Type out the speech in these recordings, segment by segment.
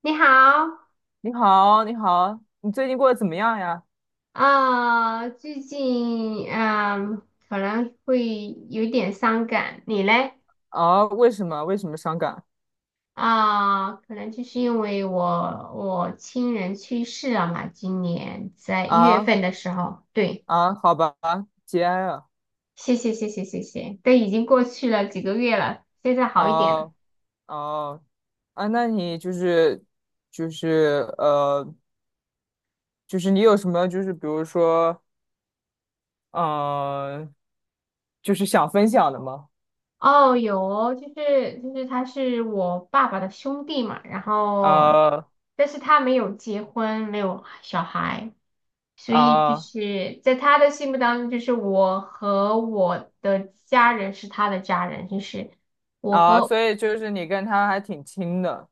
你好。你好，你好，你最近过得怎么样呀？最近可能会有点伤感，你嘞？啊，为什么？为什么伤感？可能就是因为我亲人去世了嘛，今年在一月啊份的时候，对。啊，好吧，节哀啊，谢谢谢谢谢谢，都已经过去了几个月了，现在好一点了。哦哦啊，那你就是就是就是你有什么就是比如说嗯、呃，就是想分享的吗？哦，有哦就是他是我爸爸的兄弟嘛，然后啊但是他没有结婚，没有小孩。所以就啊是在他的心目当中，就是我和我的家人是他的家人。就是我啊，所和以就是你跟他还挺亲的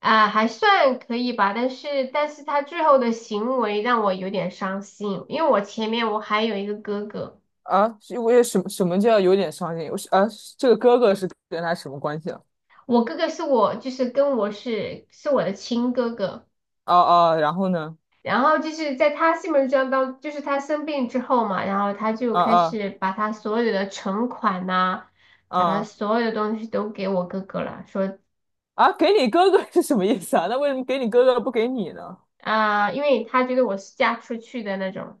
啊、还算可以吧，但是他最后的行为让我有点伤心，因为我前面我还有一个哥哥。啊？是因为什么什么叫有点伤心？我是啊，这个哥哥是跟他什么关系啊？我哥哥是我就是跟我是我的亲哥哥。哦哦，然后呢？然后就是在他心目中当就是他生病之后嘛，然后他就啊开啊。始把他所有的存款呐、把他啊所有的东西都给我哥哥了，说啊，给你哥哥是什么意思啊？那为什么给你哥哥不给你呢？因为他觉得我是嫁出去的那种。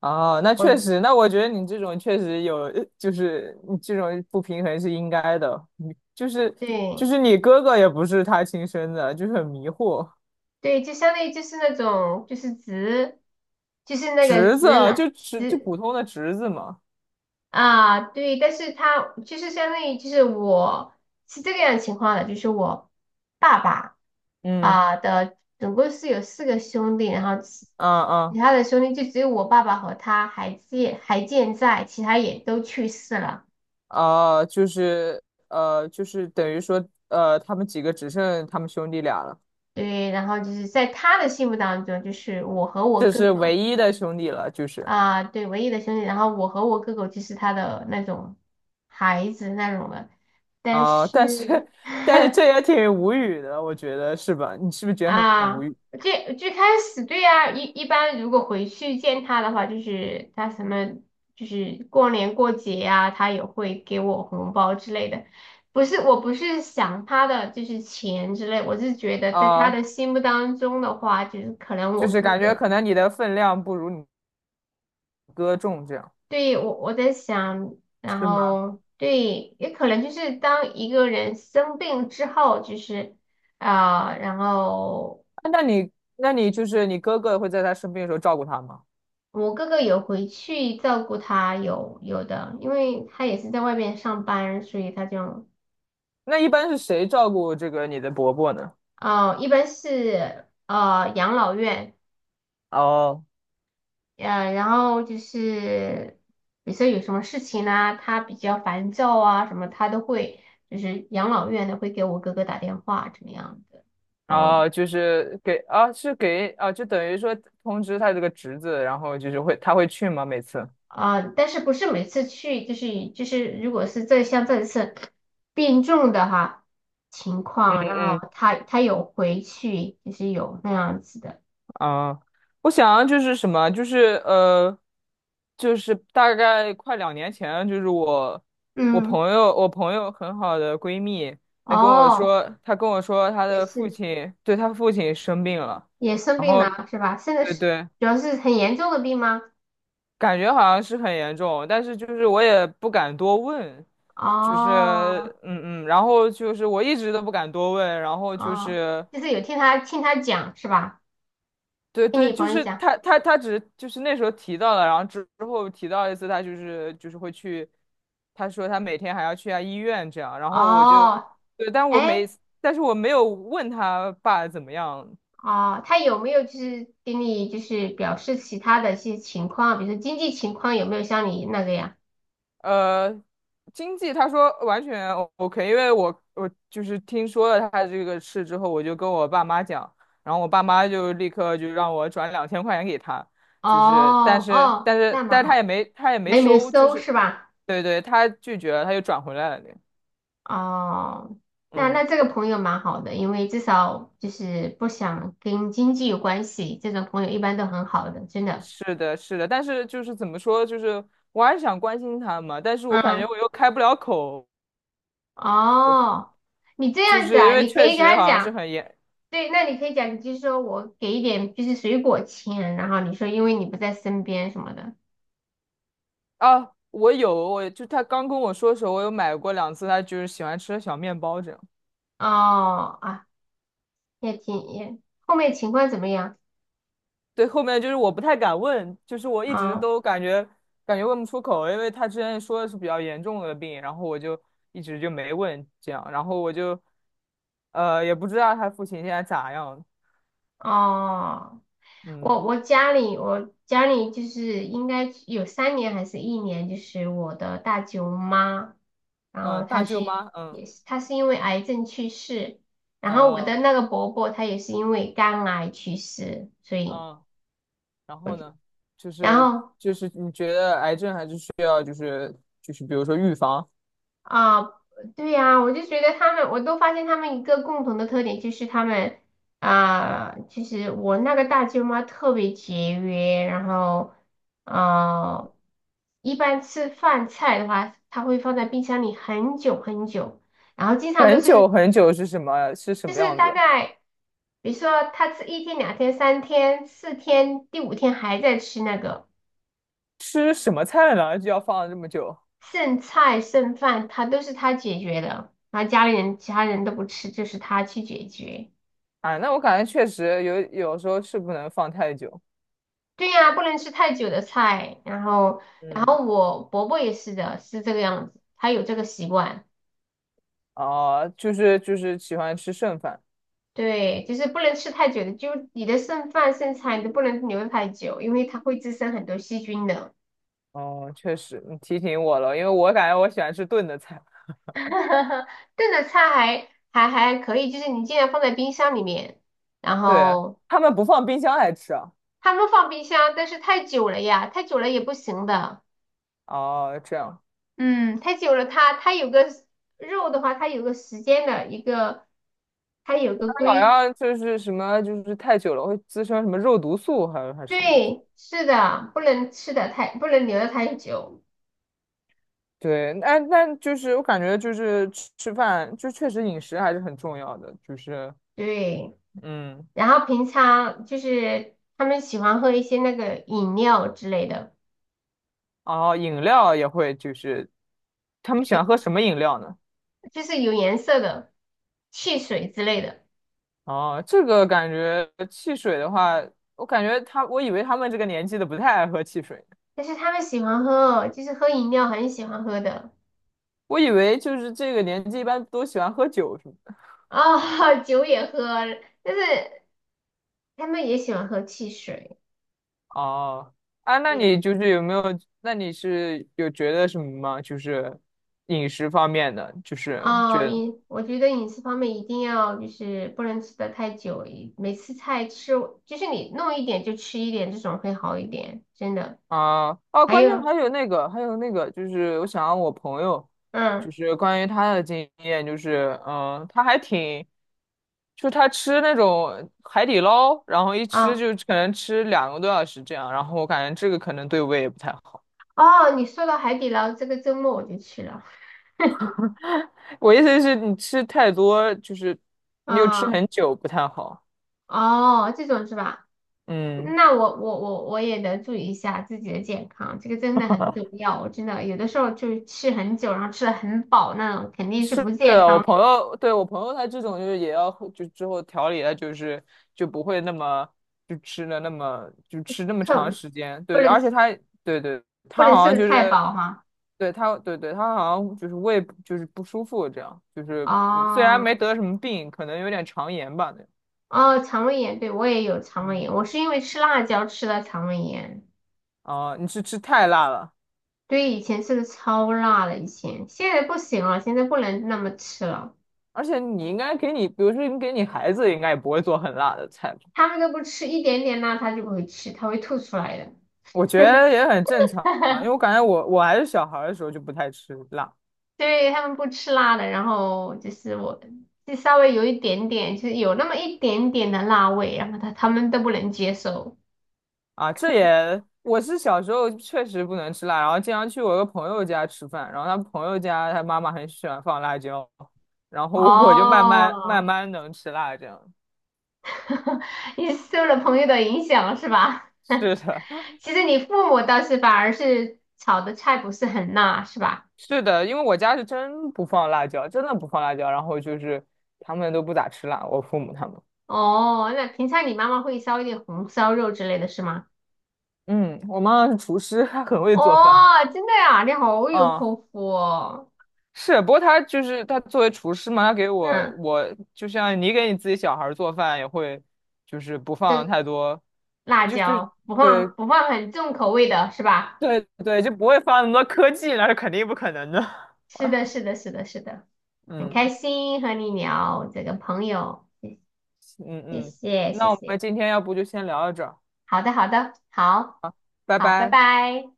啊，那确我实，那我觉得你这种确实有，就是你这种不平衡是应该的。你就是就对是你哥哥也不是他亲生的，就是很迷惑。对，就相当于就是那种就是直，就是那个侄子直啊男就普直。通的侄子嘛。对，但是他就是相当于就是我是这个样情况的，就是我爸爸嗯的总共是有4个兄弟，然后其啊其啊他的兄弟就只有我爸爸和他还健在，其他也都去世了。啊，就是就是等于说他们几个只剩他们兄弟俩了，对，然后就是在他的心目当中，就是我和我这哥是哥。唯一的兄弟了，就是。啊，对，唯一的兄弟。然后我和我哥哥就是他的那种孩子那种的，但啊、但是 是 但是这 也挺无语的，我觉得是吧？你是不是觉得很无啊，语最开始对啊。一般如果回去见他的话，就是他什么就是过年过节呀、他也会给我红包之类的。不是，我不是想他的就是钱之类，我是觉得在他啊、的心目当中的话，就是可能就我是哥感觉哥。可能你的分量不如你哥重，这样对，我在想，然是吗？后对，也可能就是当一个人生病之后，就是然后啊那你就是你哥哥会在他生病的时候照顾他吗？我哥哥有回去照顾他，有有的，因为他也是在外面上班，所以他就。那一般是谁照顾这个你的伯伯呢？哦，一般是养老院。哦然后就是比如说有什么事情啊，他比较烦躁啊什么，他都会就是养老院的会给我哥哥打电话，怎么样的。哦，哦，就是给啊，是给啊，就等于说通知他这个侄子，然后就是他会去吗？每次？啊，但是不是每次去，就是，如果是像这次病重的哈情嗯况，然嗯后他有回去，就是有那样子的。啊，我想就是什么，就是就是大概快两年前，就是我我嗯，朋友我朋友很好的闺蜜，她跟我哦，说，她跟我说她也的父是亲，对，她父亲生病了，也生然病后了是吧？现在对是对，主要是很严重的病吗？感觉好像是很严重，但是就是我也不敢多问，就是哦嗯嗯，然后就是我一直都不敢多问，然后就哦，是。就是有听他讲是吧？对听对，你就朋友是讲，他只是就是那时候提到了，然后之后提到一次，他就是会去，他说他每天还要去下医院这样，然后我就，哦，对，但我哎。没，但是我没有问他爸怎么样，哦，他有没有就是给你就是表示其他的一些情况，比如说经济情况有没有像你那个呀？呃，经济他说完全 OK，因为我就是听说了他这个事之后，我就跟我爸妈讲，然后我爸妈就立刻就让我转两千块钱给他，哦就是但是哦，但是那蛮但是他好，也没他也没没有收，就搜是是吧？对对，他拒绝了，他又转回来了。哦，那嗯，那这个朋友蛮好的，因为至少就是不想跟经济有关系，这种朋友一般都很好的，真的。是的，是的，但是就是怎么说，就是我还是想关心他嘛，但是我感觉嗯，我又开不了口，哦，你这就样子是因啊，为你可确以跟实他好像是讲。很严，对，那你可以讲，你就是说我给一点就是水果钱，然后你说因为你不在身边什么的。啊，我有，我就他刚跟我说的时候，我有买过两次，他就是喜欢吃的小面包这样。哦啊，也挺也，后面情况怎么样？对，后面就是我不太敢问，就是我一直啊都感觉问不出口，因为他之前说的是比较严重的病，然后我就一直就没问这样，然后我就也不知道他父亲现在咋样，哦，我嗯我家里我家里就是应该有3年还是1年，就是我的大舅妈，然后嗯，大她是舅妈，嗯也是她是因为癌症去世，然后我的哦那个伯伯他也是因为肝癌去世，所以嗯，然后呢，就然是后就是你觉得癌症还是需要就是就是比如说预防。啊，对呀，我就觉得他们，我都发现他们一个共同的特点就是他们啊，其实我那个大舅妈特别节约，然后呃，一般吃饭菜的话，她会放在冰箱里很久很久，然后经常都很是久很久是什么是什就么是样大子？概，比如说她吃1天、2天、3天、4天，第5天还在吃那个。吃什么菜呢？就要放这么久剩菜剩饭，他都是他解决的，然后家里人其他人都不吃，就是他去解决。啊？那我感觉确实有时候是不能放太久。对呀，不能吃太久的菜。然后，然嗯，后我伯伯也是的，是这个样子，他有这个习惯。啊、就是喜欢吃剩饭。对，就是不能吃太久的，就你的剩饭剩菜你都不能留太久，因为它会滋生很多细菌的。哦、确实，你提醒我了，因为我感觉我喜欢吃炖的菜。炖的菜还可以，就是你尽量放在冰箱里面，然对，后他们不放冰箱来吃啊？他们放冰箱，但是太久了呀，太久了也不行的。哦、这样，嗯，太久了它，它有个肉的话，它有个时间的一个，它有个他好规，像就是什么就是太久了会滋生什么肉毒素，还有还是什么？对，是的，不能吃的太，不能留的太久，对，那就是我感觉就是吃饭，就确实饮食还是很重要的，就是对。嗯，然后平常就是他们喜欢喝一些那个饮料之类的，哦，饮料也会，就是他们喜欢喝什么饮料呢？就是有颜色的汽水之类的，哦，这个感觉汽水的话，我感觉他，我以为他们这个年纪的不太爱喝汽水，但是他们喜欢喝，就是喝饮料很喜欢喝的。我以为就是这个年纪一般都喜欢喝酒什么的。酒也喝，但是他们也喜欢喝汽水。哦，啊，那对你就是有没有？那你是有觉得什么吗？就是饮食方面的，就是哦，觉我觉得饮食方面一定要就是不能吃的太久。每次菜吃就是你弄一点就吃一点，这种会好一点，真的。啊啊！还关键有。还有那个，还有那个，就是我想让我朋友，就嗯是关于他的经验，就是嗯，他还挺，就他吃那种海底捞，然后一吃啊就可能吃两个多小时这样，然后我感觉这个可能对胃也不太好。哦，你说到海底捞，这个周末我就去了。我意思是你吃太多，就是你又吃啊很久不太好。哦，这种是吧？嗯 那我也得注意一下自己的健康，这个真的很重 要。我真的有的时候就吃很久，然后吃的很饱那种，肯定是是不健我康的。朋友，对，我朋友他这种就是也要就之后调理他就是就不会那么就吃那 么长特时间，对不对，能而且他对对，不他能吃好像的就太是饱哈。对他对对他好像就是胃不就是不舒服这样，就是嗯虽然没哦。得什么病，可能有点肠炎吧那种。哦，肠胃炎，对，我也有肠胃嗯，炎，我是因为吃辣椒吃的肠胃炎。啊，你是吃太辣了，对，以前吃的超辣的，以前现在不行了，现在不能那么吃了。而且你应该给你，比如说你给你孩子，应该也不会做很辣的菜他们都不吃一点点辣，他就不会吃，他会吐出来的。我觉得也很正常，啊，因为我 感觉我还是小孩儿的时候就不太吃辣对，他们不吃辣的，然后就是我，就稍微有一点点，就是有那么一点点的辣味，然后他们都不能接受。啊，这也我是小时候确实不能吃辣，然后经常去我一个朋友家吃饭，然后他朋友家他妈妈很喜欢放辣椒，然后我就慢慢慢哦，慢能吃辣这样。你受了朋友的影响是吧？是的，其实你父母倒是反而是炒的菜不是很辣，是吧？是的，因为我家是真不放辣椒，真的不放辣椒，然后就是他们都不咋吃辣，我父母他们，哦，那平常你妈妈会烧一点红烧肉之类的是吗？嗯，我妈妈是厨师，她很会哦，做饭，真的呀，你好有啊口福哦。是，不过他就是他作为厨师嘛，他给嗯，我就像你给你自己小孩儿做饭也会，就是不放对，太多，辣就椒不对放不放很重口味的是吧？对对，就不会放那么多科技，那是肯定不可能的。是的，是的，是的，是的，很开嗯心和你聊这个朋友，嗯谢嗯，谢谢那我们谢。今天要不就先聊到这儿，好的，好的，好，拜好，拜拜。拜。